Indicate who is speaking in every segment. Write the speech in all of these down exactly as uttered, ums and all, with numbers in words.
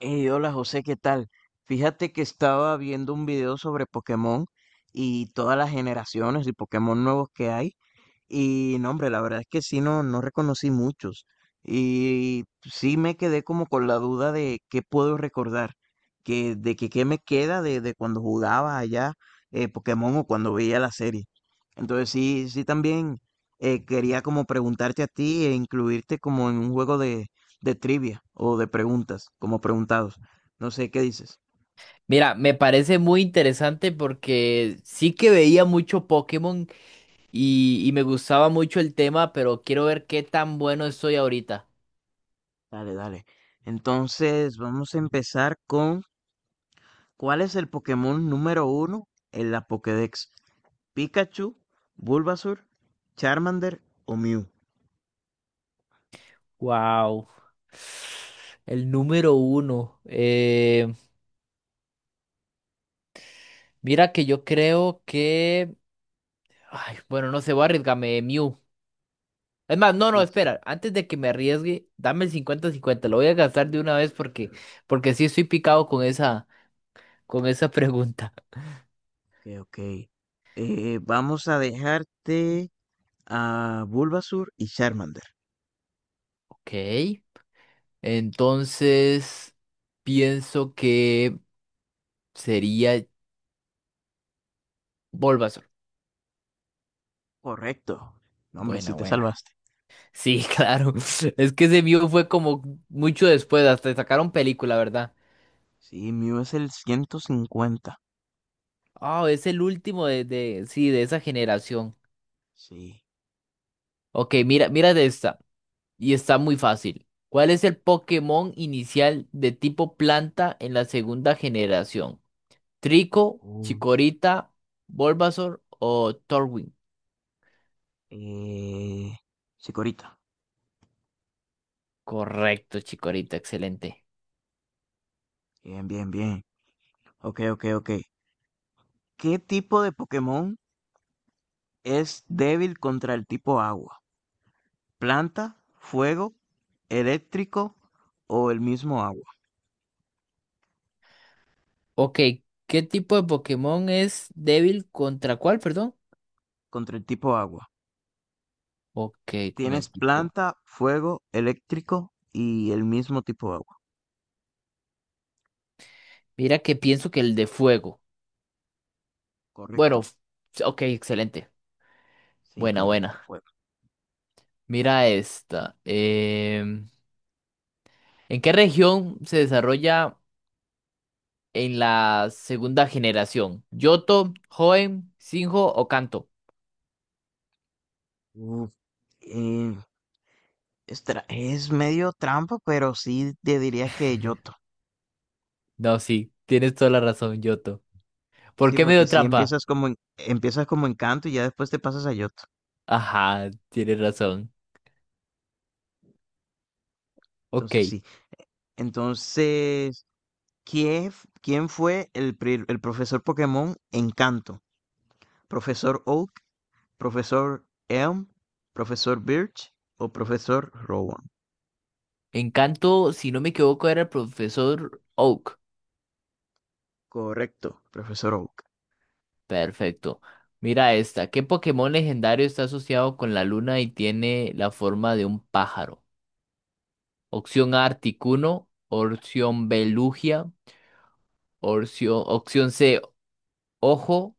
Speaker 1: Hey, hola José, ¿qué tal? Fíjate que estaba viendo un video sobre Pokémon y todas las generaciones y Pokémon nuevos que hay. Y no, hombre, la verdad es que sí, no, no reconocí muchos. Y sí me quedé como con la duda de qué puedo recordar, que, de que qué me queda de, de cuando jugaba allá eh, Pokémon o cuando veía la serie. Entonces sí, sí también eh, quería como preguntarte a ti e incluirte como en un juego de trivia o de preguntas, como preguntados. No sé qué dices.
Speaker 2: Mira, me parece muy interesante porque sí que veía mucho Pokémon y, y me gustaba mucho el tema, pero quiero ver qué tan bueno estoy ahorita.
Speaker 1: Dale, dale. Entonces, vamos a empezar con ¿cuál es el Pokémon número uno en la Pokédex? ¿Pikachu, Bulbasaur, Charmander o Mew?
Speaker 2: Wow. El número uno. Eh, mira que yo creo que. Ay, bueno, no sé, voy a arriesgarme, Mew. Es más, no, no,
Speaker 1: Uf,
Speaker 2: espera. Antes de que me arriesgue, dame el cincuenta cincuenta. Lo voy a gastar de una vez porque, porque sí estoy picado con esa, con esa pregunta.
Speaker 1: ok, ok. Eh, vamos a dejarte a Bulbasaur y Charmander.
Speaker 2: Ok. Entonces, pienso que sería Bulbasaur.
Speaker 1: Correcto. No, hombre, sí
Speaker 2: Buena,
Speaker 1: te
Speaker 2: buena.
Speaker 1: salvaste.
Speaker 2: Sí, claro. Es que ese mío fue como mucho después, hasta sacaron película, ¿verdad?
Speaker 1: Sí, Mew es el ciento cincuenta.
Speaker 2: Ah, es el último de, de, sí, de esa generación.
Speaker 1: Sí.
Speaker 2: Ok, mira, mira de esta. Y está muy fácil. ¿Cuál es el Pokémon inicial de tipo planta en la segunda generación? ¿Trico,
Speaker 1: Uf.
Speaker 2: Chikorita, Bulbasaur o Torwin?
Speaker 1: Eh, Chikorita.
Speaker 2: Correcto, Chikorita, excelente.
Speaker 1: Bien, bien, bien. Ok, ok, ok. ¿Qué tipo de Pokémon es débil contra el tipo agua? ¿Planta, fuego, eléctrico o el mismo agua?
Speaker 2: Ok, ¿qué tipo de Pokémon es débil contra cuál, perdón?
Speaker 1: Contra el tipo agua.
Speaker 2: Ok, con
Speaker 1: Tienes
Speaker 2: el tipo.
Speaker 1: planta, fuego, eléctrico y el mismo tipo de agua.
Speaker 2: Mira que pienso que el de fuego. Bueno,
Speaker 1: Correcto.
Speaker 2: f- ok, excelente.
Speaker 1: Sí,
Speaker 2: Buena,
Speaker 1: correcto,
Speaker 2: buena.
Speaker 1: fuego.
Speaker 2: Mira esta. Em, ¿en qué región se desarrolla en la segunda generación? ¿Yoto, Hoenn, Sinjo o Kanto?
Speaker 1: Uf, eh, es, tra- es medio trampa, pero sí te diría que Yoto.
Speaker 2: No, sí, tienes toda la razón, Yoto. ¿Por
Speaker 1: Sí,
Speaker 2: qué me
Speaker 1: porque
Speaker 2: dio
Speaker 1: sí
Speaker 2: trampa?
Speaker 1: empiezas como en- empiezas como Encanto y ya después te pasas a Yoto.
Speaker 2: Ajá, tienes razón. Ok.
Speaker 1: Entonces sí. Entonces, ¿quién, f- quién fue el, pri- el profesor Pokémon Encanto? ¿Profesor Oak, profesor Elm, profesor Birch o profesor Rowan?
Speaker 2: En Kanto, si no me equivoco, era el profesor Oak.
Speaker 1: Correcto, profesor Oak.
Speaker 2: Perfecto. Mira esta. ¿Qué Pokémon legendario está asociado con la luna y tiene la forma de un pájaro? Opción A, Articuno. Opción B, Lugia. Opción, opción C, Ojo.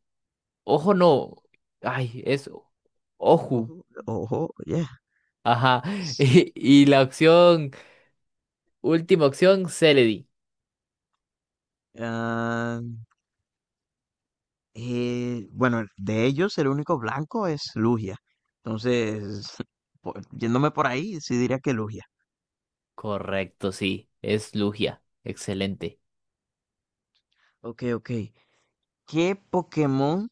Speaker 2: Ojo no. Ay, es
Speaker 1: Ojo,
Speaker 2: Oju.
Speaker 1: ojo, yeah.
Speaker 2: Ajá. Y, y la opción, última opción, Celedi.
Speaker 1: Ah, eh, bueno, de ellos el único blanco es Lugia. Entonces, por- yéndome por ahí, sí diría que Lugia.
Speaker 2: Correcto, sí. Es Lugia. Excelente.
Speaker 1: Ok, ok. ¿Qué Pokémon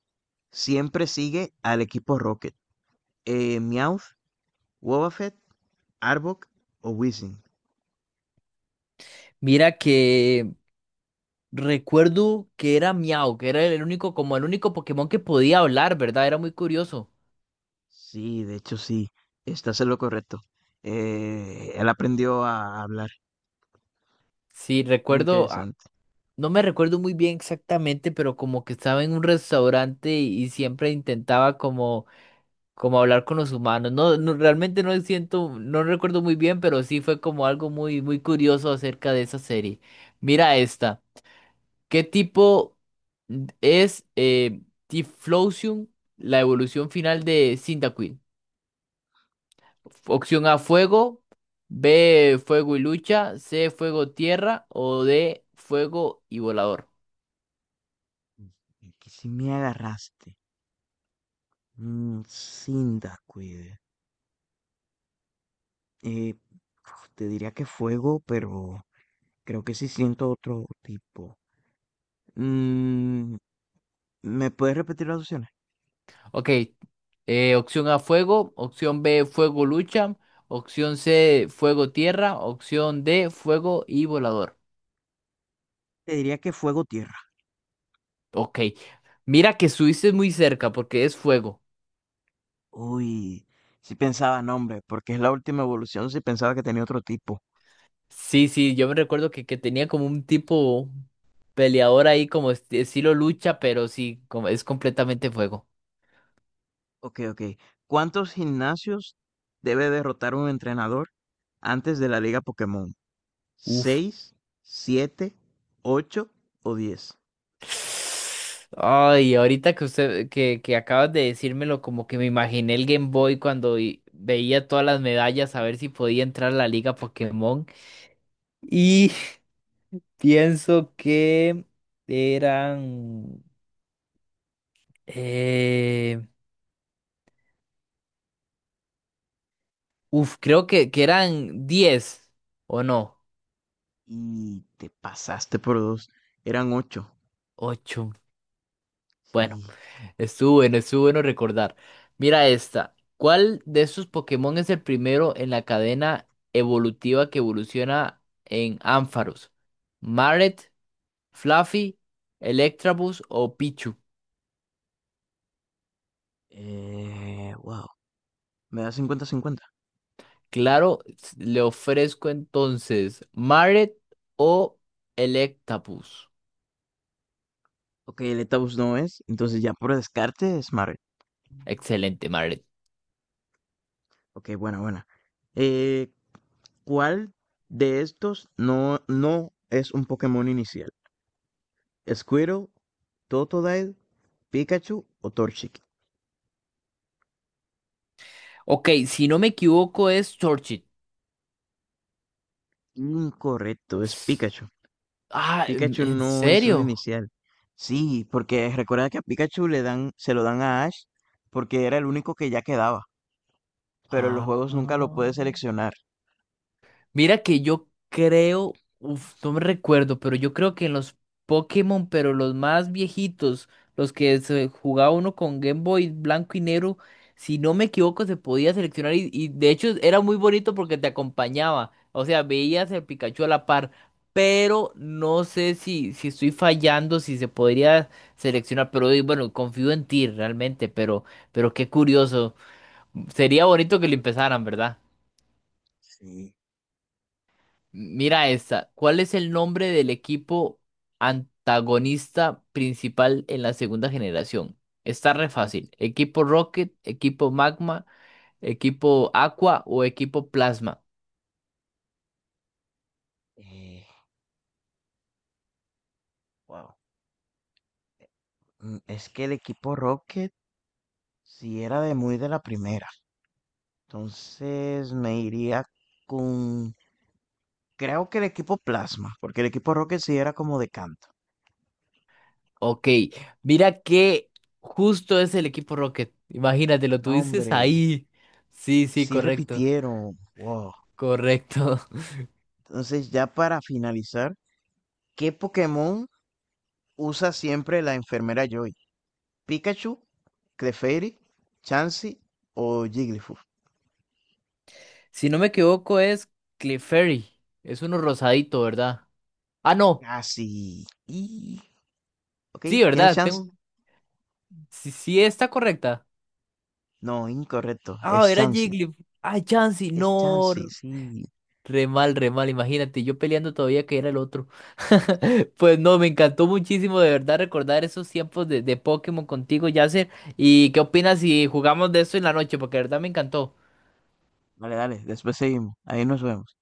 Speaker 1: siempre sigue al equipo Rocket? Eh, Meowth, Wobbuffet, Arbok o Weezing.
Speaker 2: Mira que recuerdo que era Miau, que era el único, como el único Pokémon que podía hablar, ¿verdad? Era muy curioso.
Speaker 1: Sí, de hecho sí, estás en lo correcto. Eh, él aprendió a hablar.
Speaker 2: Sí,
Speaker 1: Muy
Speaker 2: recuerdo, ah,
Speaker 1: interesante.
Speaker 2: no me recuerdo muy bien exactamente, pero como que estaba en un restaurante y, y siempre intentaba como, como hablar con los humanos. No, no, realmente no siento, no recuerdo muy bien, pero sí fue como algo muy, muy curioso acerca de esa serie. Mira esta. ¿Qué tipo es eh, Tiflosium, la evolución final de Cyndaquil? Opción A, fuego. B, fuego y lucha. C, fuego, tierra. O D, fuego y volador.
Speaker 1: Que si me agarraste. Mm, Cyndaquil. Eh, Uf, te diría que fuego, pero creo que sí siento otro tipo. Mm, ¿Me puedes repetir las opciones?
Speaker 2: Ok. Eh, opción A, fuego. Opción B, fuego, lucha. Opción C, fuego, tierra. Opción D, fuego y volador.
Speaker 1: Te diría que fuego tierra.
Speaker 2: Ok. Mira que estuviste muy cerca porque es fuego.
Speaker 1: Uy, si pensaba nombre, porque es la última evolución, si pensaba que tenía otro tipo.
Speaker 2: Sí, sí, yo me recuerdo que, que tenía como un tipo peleador ahí como esti- estilo lucha, pero sí, como es completamente fuego.
Speaker 1: Okey, okey. ¿Cuántos gimnasios debe derrotar un entrenador antes de la Liga Pokémon?
Speaker 2: Uf.
Speaker 1: Seis, siete, ocho o diez.
Speaker 2: Ay, ahorita que usted, que, que acabas de decírmelo, como que me imaginé el Game Boy cuando i- veía todas las medallas a ver si podía entrar a la Liga Pokémon. Y pienso que eran, eh, uf, creo que, que eran diez o no,
Speaker 1: Y te pasaste por dos. Eran ocho.
Speaker 2: ocho. Bueno.
Speaker 1: Sí,
Speaker 2: Estuvo bueno, estuvo bueno recordar. Mira esta. ¿Cuál de estos Pokémon es el primero en la cadena evolutiva que evoluciona en Ampharos? ¿Maret, Fluffy, Electabuzz o Pichu?
Speaker 1: eh, guau, me da cincuenta. 50.
Speaker 2: Claro, s- le ofrezco entonces Maret o Electabuzz.
Speaker 1: Okey, Letaboos no es, entonces ya por descarte es Smaragd.
Speaker 2: Excelente, Maret.
Speaker 1: Okey, buena, buena. Eh, ¿Cuál de estos no no es un Pokémon inicial? Squirtle, Totodile, Pikachu o Torchic.
Speaker 2: Ok, si no me equivoco es Torchic.
Speaker 1: Incorrecto, es Pikachu.
Speaker 2: Ah, ¿en
Speaker 1: Pikachu
Speaker 2: en
Speaker 1: no es un
Speaker 2: serio?
Speaker 1: inicial. Sí, porque recuerda que a Pikachu le dan, se lo dan a Ash porque era el único que ya quedaba, pero en los
Speaker 2: Ah.
Speaker 1: juegos nunca lo puede seleccionar.
Speaker 2: Mira que yo creo, uf, no me recuerdo, pero yo creo que en los Pokémon, pero los más viejitos, los que se jugaba uno con Game Boy blanco y negro, si no me equivoco, se podía seleccionar y, y de hecho era muy bonito porque te acompañaba, o sea, veías el Pikachu a la par, pero no sé si, si estoy fallando, si se podría seleccionar, pero eh, bueno, confío en ti realmente, pero, pero qué curioso, sería bonito que lo empezaran, ¿verdad?
Speaker 1: Sí.
Speaker 2: Mira esta. ¿Cuál es el nombre del equipo antagonista principal en la segunda generación? Está re fácil. ¿Equipo Rocket, equipo Magma, equipo Aqua o equipo Plasma?
Speaker 1: eh, wow. Mm, Es que el equipo Rocket sí era de muy de la primera. Entonces me iría con... Creo que el equipo Plasma, porque el equipo Rocket sí era como de canto.
Speaker 2: Ok. Mira que justo es el equipo Rocket. Imagínate, lo
Speaker 1: No,
Speaker 2: tuviste
Speaker 1: hombre.
Speaker 2: ahí. Sí, sí,
Speaker 1: Sí
Speaker 2: correcto.
Speaker 1: repitieron. Wow.
Speaker 2: Correcto.
Speaker 1: Entonces, ya para finalizar, ¿qué Pokémon usa siempre la enfermera Joy? ¿Pikachu, Clefairy, Chansey o Jigglypuff?
Speaker 2: Si no me equivoco, es Clefairy. Es uno rosadito, ¿verdad? Ah, no.
Speaker 1: Casi. Y... Ok,
Speaker 2: Sí,
Speaker 1: ¿tienes
Speaker 2: ¿verdad?
Speaker 1: chance?
Speaker 2: Tengo. Sí, sí está correcta.
Speaker 1: No, incorrecto.
Speaker 2: Ah,
Speaker 1: Es
Speaker 2: era
Speaker 1: Chansey.
Speaker 2: Jigglypuff. Ah, Chansey,
Speaker 1: Es
Speaker 2: no.
Speaker 1: Chansey,
Speaker 2: r-
Speaker 1: sí.
Speaker 2: Re mal, re mal, imagínate, yo peleando todavía que era el otro. Pues no, me encantó muchísimo de verdad recordar esos tiempos de, de Pokémon contigo, Yasser. ¿Y qué opinas si jugamos de eso en la noche? Porque de verdad me encantó.
Speaker 1: Vale, dale, después seguimos. Ahí nos vemos.